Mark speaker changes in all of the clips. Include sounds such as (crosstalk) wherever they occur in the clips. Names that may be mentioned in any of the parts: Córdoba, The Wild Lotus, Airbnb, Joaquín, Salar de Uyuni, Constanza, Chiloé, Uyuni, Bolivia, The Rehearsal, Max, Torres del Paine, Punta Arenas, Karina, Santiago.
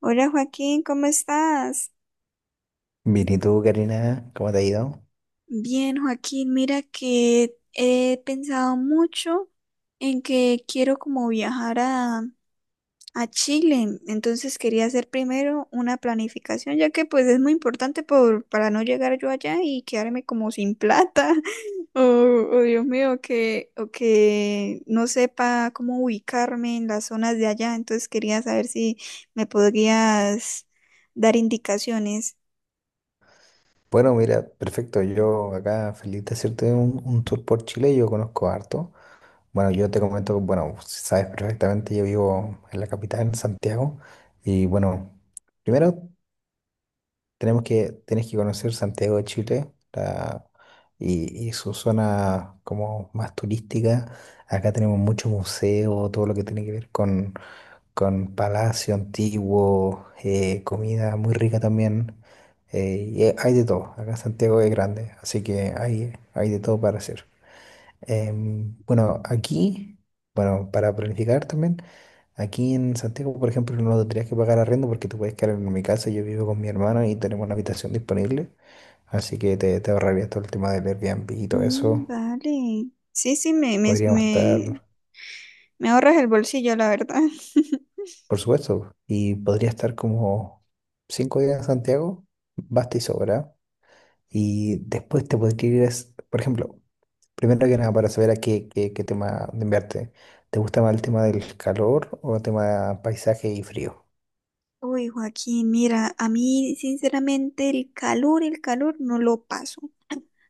Speaker 1: Hola Joaquín, ¿cómo estás?
Speaker 2: Bien, ¿y tú, Karina? ¿Cómo te ha ido?
Speaker 1: Bien, Joaquín, mira que he pensado mucho en que quiero como viajar a Chile, entonces quería hacer primero una planificación, ya que pues es muy importante para no llegar yo allá y quedarme como sin plata, (laughs) o, o, Dios mío, o que no sepa cómo ubicarme en las zonas de allá, entonces quería saber si me podrías dar indicaciones.
Speaker 2: Bueno, mira, perfecto. Yo acá feliz de hacerte un tour por Chile. Yo conozco harto. Bueno, yo te comento, bueno, sabes perfectamente, yo vivo en la capital, en Santiago. Y bueno, primero tienes que conocer Santiago de Chile y su zona como más turística. Acá tenemos muchos museos, todo lo que tiene que ver con palacio antiguo, comida muy rica también. Y hay de todo. Acá Santiago es grande, así que hay de todo para hacer. Bueno, aquí, bueno, para planificar también, aquí en Santiago, por ejemplo, no tendrías que pagar arriendo porque tú puedes quedar en mi casa. Yo vivo con mi hermano y tenemos una habitación disponible, así que te ahorrarías todo el tema del Airbnb y todo
Speaker 1: Mm,
Speaker 2: eso.
Speaker 1: vale. Sí, sí, me, me,
Speaker 2: Podríamos estar.
Speaker 1: me, me ahorras el bolsillo, la verdad. (laughs)
Speaker 2: Por supuesto, y podría estar como 5 días en Santiago, basta y sobra. Y después te podría ir, por ejemplo, primero que nada, para saber a qué tema de enviarte. ¿Te gusta más el tema del calor o el tema paisaje y frío?
Speaker 1: Uy, Joaquín, mira, a mí sinceramente el calor no lo paso.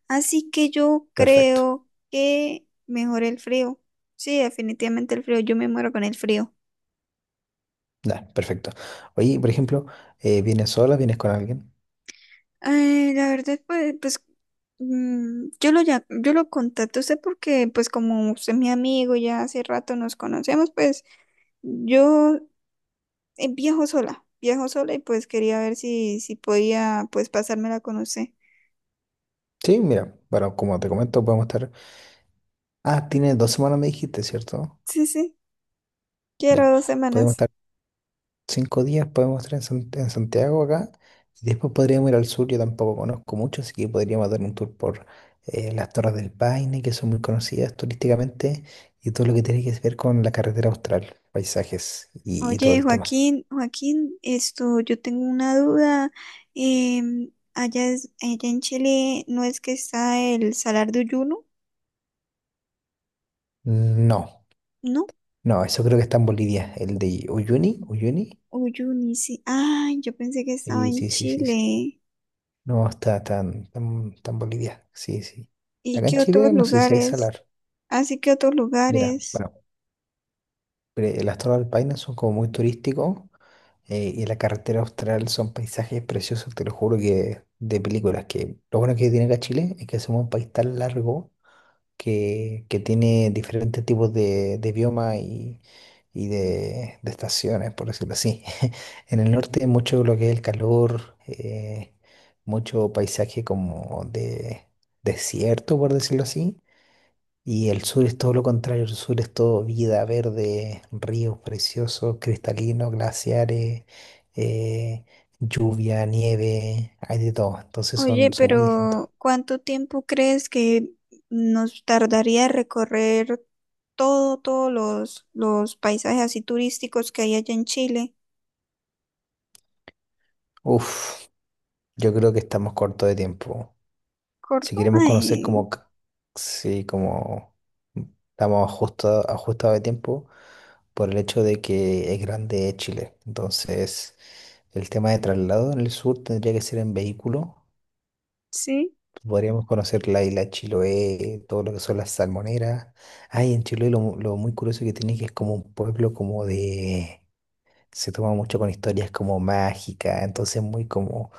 Speaker 1: Así que yo
Speaker 2: Perfecto,
Speaker 1: creo que mejor el frío. Sí, definitivamente el frío, yo me muero con el frío.
Speaker 2: ya, perfecto. Oye, por ejemplo, ¿vienes sola? ¿Vienes con alguien?
Speaker 1: La verdad, pues yo lo contacto a usted porque pues como usted es mi amigo, ya hace rato nos conocemos, pues yo viajo sola y pues quería ver si podía pues pasármela con usted.
Speaker 2: Sí, mira, bueno, como te comento, podemos estar. Ah, tienes 2 semanas, me dijiste, ¿cierto?
Speaker 1: Sí, sí,
Speaker 2: Ya,
Speaker 1: quiero dos
Speaker 2: podemos
Speaker 1: semanas.
Speaker 2: estar. 5 días podemos estar en Santiago acá y después podríamos ir al sur. Yo tampoco conozco mucho, así que podríamos dar un tour por las Torres del Paine, que son muy conocidas turísticamente, y todo lo que tiene que ver con la carretera austral, paisajes y todo
Speaker 1: Oye,
Speaker 2: el tema.
Speaker 1: Joaquín, Joaquín, esto, yo tengo una duda. Allá, allá en Chile no es que está el Salar de Uyuno,
Speaker 2: No,
Speaker 1: ¿no?
Speaker 2: no, eso creo que está en Bolivia, el de Uyuni, Uyuni.
Speaker 1: Uyuni, sí. Ay, yo pensé que estaba
Speaker 2: Sí,
Speaker 1: en
Speaker 2: sí, sí, sí, sí.
Speaker 1: Chile.
Speaker 2: No, está tan, tan, tan Bolivia, sí, sí.
Speaker 1: ¿Y
Speaker 2: Acá en
Speaker 1: qué otros
Speaker 2: Chile no sé si hay
Speaker 1: lugares?
Speaker 2: salar.
Speaker 1: Así que otros
Speaker 2: Mira,
Speaker 1: lugares.
Speaker 2: bueno. Las Torres del Paine son como muy turísticos, y la carretera austral son paisajes preciosos, te lo juro que de películas. Que lo bueno que tiene acá Chile es que somos un país tan largo que tiene diferentes tipos de bioma y de estaciones, por decirlo así. (laughs) En el norte mucho lo que es el calor, mucho paisaje como de desierto, por decirlo así. Y el sur es todo lo contrario, el sur es todo vida, verde, ríos preciosos, cristalinos, glaciares, eh, lluvia, nieve, hay de todo. Entonces
Speaker 1: Oye,
Speaker 2: son muy distintos.
Speaker 1: pero ¿cuánto tiempo crees que nos tardaría recorrer todos los paisajes así turísticos que hay allá en Chile?
Speaker 2: Uf, yo creo que estamos cortos de tiempo. Si
Speaker 1: Córdoba,
Speaker 2: queremos conocer sí, como estamos ajustados de tiempo por el hecho de que es grande Chile. Entonces, el tema de traslado en el sur tendría que ser en vehículo.
Speaker 1: sí.
Speaker 2: Podríamos conocer la isla Chiloé, todo lo que son las salmoneras. Ay, en Chiloé lo muy curioso que tiene es que es como un pueblo como de. Se toma mucho con historias como mágicas, entonces muy como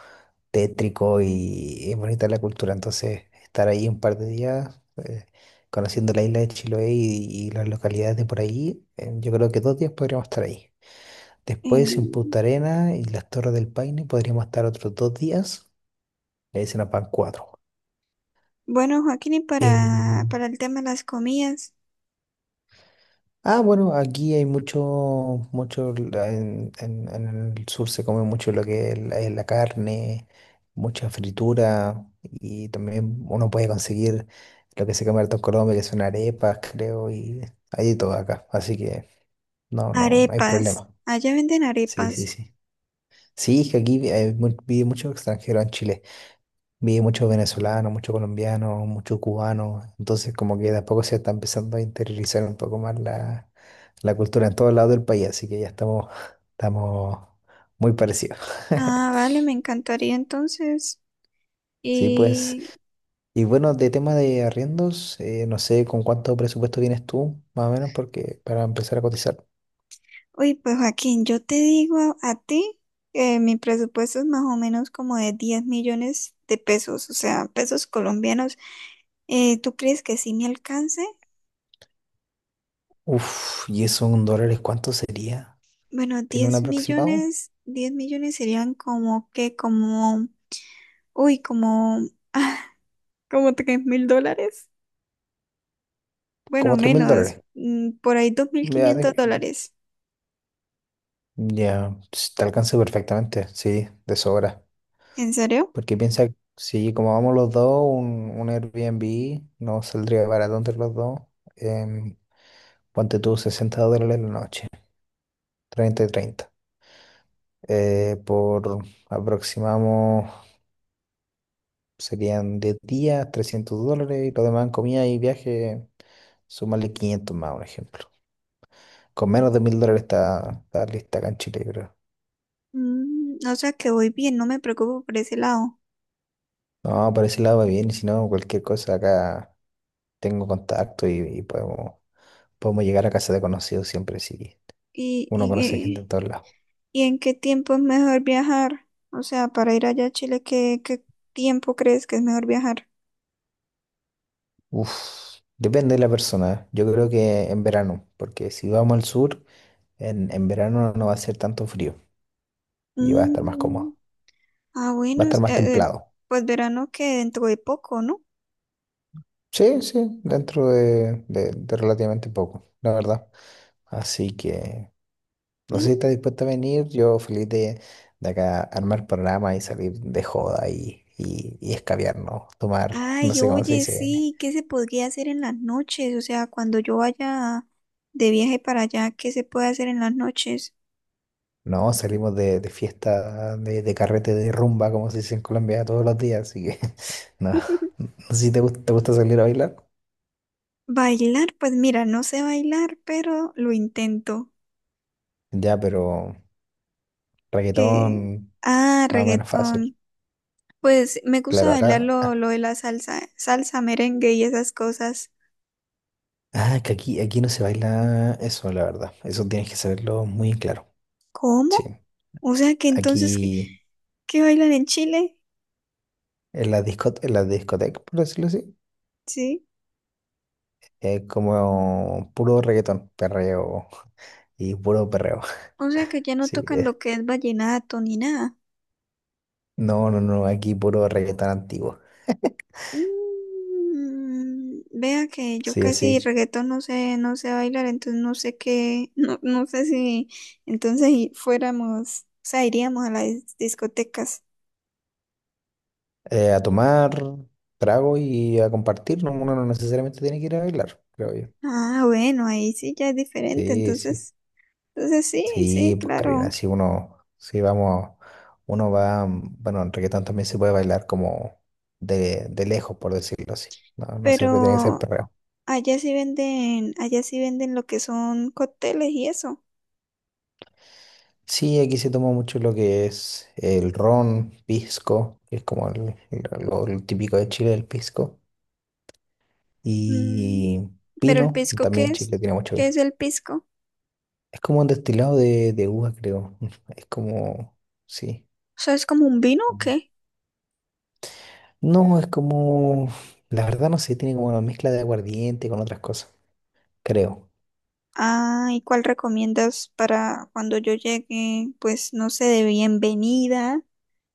Speaker 2: tétrico y es bonita la cultura. Entonces estar ahí un par de días, conociendo la isla de Chiloé y las localidades de por ahí, yo creo que 2 días podríamos estar ahí. Después en
Speaker 1: em,
Speaker 2: Punta Arenas y las Torres del Paine podríamos estar otros 2 días, le dicen a pan cuatro.
Speaker 1: bueno, Joaquín, y
Speaker 2: Eh,
Speaker 1: para el tema de las comidas,
Speaker 2: Ah, bueno, aquí hay mucho, mucho, en el sur se come mucho lo que es es la carne, mucha fritura y también uno puede conseguir lo que se come harto en Colombia, que son arepas, creo, y hay de todo acá, así que no, no, no hay
Speaker 1: arepas.
Speaker 2: problema.
Speaker 1: Allá venden
Speaker 2: Sí, sí,
Speaker 1: arepas.
Speaker 2: sí. Sí, es que aquí hay vive mucho extranjero en Chile. Vi muchos venezolanos, muchos colombianos, muchos cubanos, entonces como que de a poco se está empezando a interiorizar un poco más la cultura en todos lados del país, así que ya estamos, (laughs) estamos muy parecidos.
Speaker 1: Ah,
Speaker 2: (laughs)
Speaker 1: vale, me encantaría entonces.
Speaker 2: Sí, pues,
Speaker 1: Y,
Speaker 2: y bueno, de tema de arriendos, no sé con cuánto presupuesto vienes tú, más o menos, porque para empezar a cotizar.
Speaker 1: Uy, pues Joaquín, yo te digo a ti que mi presupuesto es más o menos como de 10 millones de pesos, o sea, pesos colombianos. ¿Tú crees que sí me alcance?
Speaker 2: Uf, ¿y eso en dólares cuánto sería?
Speaker 1: Bueno,
Speaker 2: ¿Tiene un
Speaker 1: 10
Speaker 2: aproximado?
Speaker 1: millones, 10 millones serían como que, como, uy, como, (laughs) como 3.000 dólares. Bueno,
Speaker 2: Como tres mil
Speaker 1: menos,
Speaker 2: dólares.
Speaker 1: por ahí dos mil
Speaker 2: Ya,
Speaker 1: quinientos dólares.
Speaker 2: ya, ps, te alcanza perfectamente, sí, de sobra.
Speaker 1: ¿En serio?
Speaker 2: Porque piensa, si como vamos los dos, un Airbnb no saldría barato entre los dos. em, Ponte tú $60 la noche, 30 y 30, por aproximamos, serían 10 días, $300, y lo demás en comida y viaje, súmale 500 más, un ejemplo. Con menos de $1.000 está lista acá en Chile, creo.
Speaker 1: Mm, o sea que voy bien, no me preocupo por ese lado.
Speaker 2: No, por ese lado va bien, y si no, cualquier cosa acá tengo contacto y podemos, llegar a casa de conocidos siempre, sí.
Speaker 1: ¿Y,
Speaker 2: Uno conoce gente en
Speaker 1: y,
Speaker 2: todos lados.
Speaker 1: y en qué tiempo es mejor viajar? O sea, para ir allá a Chile, ¿qué tiempo crees que es mejor viajar?
Speaker 2: Uf, depende de la persona. ¿Eh? Yo creo que en verano, porque si vamos al sur, en verano no va a ser tanto frío y va a estar más
Speaker 1: Mm,
Speaker 2: cómodo.
Speaker 1: ah,
Speaker 2: Va a
Speaker 1: bueno,
Speaker 2: estar más templado.
Speaker 1: pues verano que dentro de poco, ¿no?
Speaker 2: Sí, sí, dentro de, de relativamente poco, la verdad. Así que no sé si
Speaker 1: Mm,
Speaker 2: estás dispuesto a venir. Yo feliz de, acá armar programa y salir de joda y escabiarnos, tomar, (laughs) no
Speaker 1: ay,
Speaker 2: sé cómo se
Speaker 1: oye,
Speaker 2: dice.
Speaker 1: sí, ¿qué se podría hacer en las noches? O sea, cuando yo vaya de viaje para allá, ¿qué se puede hacer en las noches?
Speaker 2: No, salimos de fiesta, de carrete, de rumba, como se dice en Colombia, todos los días, así que (laughs) no, no
Speaker 1: (laughs)
Speaker 2: sé si te gusta salir a bailar,
Speaker 1: Bailar, pues mira, no sé bailar, pero lo intento.
Speaker 2: ya, pero
Speaker 1: Que,
Speaker 2: reggaetón
Speaker 1: ah,
Speaker 2: más o menos fácil.
Speaker 1: reggaetón. Pues me gusta
Speaker 2: Claro,
Speaker 1: bailar
Speaker 2: acá,
Speaker 1: lo,
Speaker 2: ah,
Speaker 1: lo de la salsa, salsa, merengue y esas cosas.
Speaker 2: ah, que aquí no se baila eso, la verdad, eso tienes que saberlo muy claro, sí.
Speaker 1: ¿Cómo? O sea que entonces, ¿qué,
Speaker 2: Aquí
Speaker 1: qué bailan en Chile?
Speaker 2: en la disco, en la discoteca, por decirlo así,
Speaker 1: Sí.
Speaker 2: es como puro reggaetón, perreo y puro perreo,
Speaker 1: O sea que ya
Speaker 2: (laughs)
Speaker 1: no
Speaker 2: sí.
Speaker 1: tocan lo que es vallenato ni nada.
Speaker 2: No, no, no, aquí puro reggaetón antiguo,
Speaker 1: Mm, vea que yo
Speaker 2: sí,
Speaker 1: casi
Speaker 2: así.
Speaker 1: reggaetón no sé, no sé bailar, entonces no sé qué, (laughs) no, no sé si entonces fuéramos, o sea, iríamos a las discotecas.
Speaker 2: A tomar trago y a compartir, ¿no? Uno no necesariamente tiene que ir a bailar, creo yo.
Speaker 1: Ah, bueno, ahí sí ya es diferente,
Speaker 2: Sí, sí.
Speaker 1: entonces, sí,
Speaker 2: Sí,
Speaker 1: sí,
Speaker 2: pues Karina,
Speaker 1: claro,
Speaker 2: si vamos, uno va, bueno, en reggaetón también se puede bailar como de lejos, por decirlo así. No, no siempre tiene que ser
Speaker 1: pero
Speaker 2: perreo.
Speaker 1: allá sí venden lo que son cócteles y eso.
Speaker 2: Sí, aquí se toma mucho lo que es el ron, pisco, que es como lo típico de Chile, el pisco,
Speaker 1: Mm,
Speaker 2: y
Speaker 1: pero el
Speaker 2: pino,
Speaker 1: pisco, ¿qué
Speaker 2: también
Speaker 1: es?
Speaker 2: Chile tiene mucho
Speaker 1: ¿Qué
Speaker 2: vino.
Speaker 1: es el pisco?
Speaker 2: Es como un destilado de uva, creo. (laughs) Es como, sí.
Speaker 1: O sea, ¿es como un vino o qué?
Speaker 2: No, es como, la verdad no sé, tiene como una mezcla de aguardiente con otras cosas, creo.
Speaker 1: Ah, ¿y cuál recomiendas para cuando yo llegue? Pues no sé,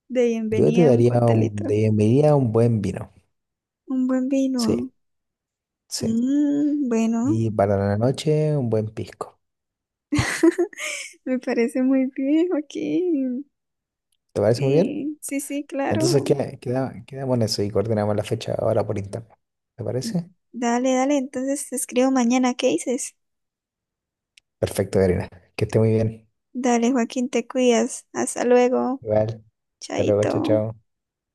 Speaker 1: de
Speaker 2: Yo te
Speaker 1: bienvenida a un
Speaker 2: daría un,
Speaker 1: coctelito.
Speaker 2: de- me un buen vino,
Speaker 1: Un buen
Speaker 2: sí,
Speaker 1: vino.
Speaker 2: sí.
Speaker 1: Mm, bueno,
Speaker 2: Y para la noche, un buen pisco.
Speaker 1: me parece muy bien, Joaquín.
Speaker 2: ¿Te parece muy bien?
Speaker 1: Sí, sí, sí,
Speaker 2: Entonces
Speaker 1: claro.
Speaker 2: queda, quedamos en eso y coordinamos la fecha ahora por internet. ¿Te parece?
Speaker 1: Dale, dale, entonces te escribo mañana, ¿qué dices?
Speaker 2: Perfecto, Karina. Que esté muy bien.
Speaker 1: Dale, Joaquín, te cuidas. Hasta luego.
Speaker 2: Igual, hasta luego, chao,
Speaker 1: Chaito.
Speaker 2: chao.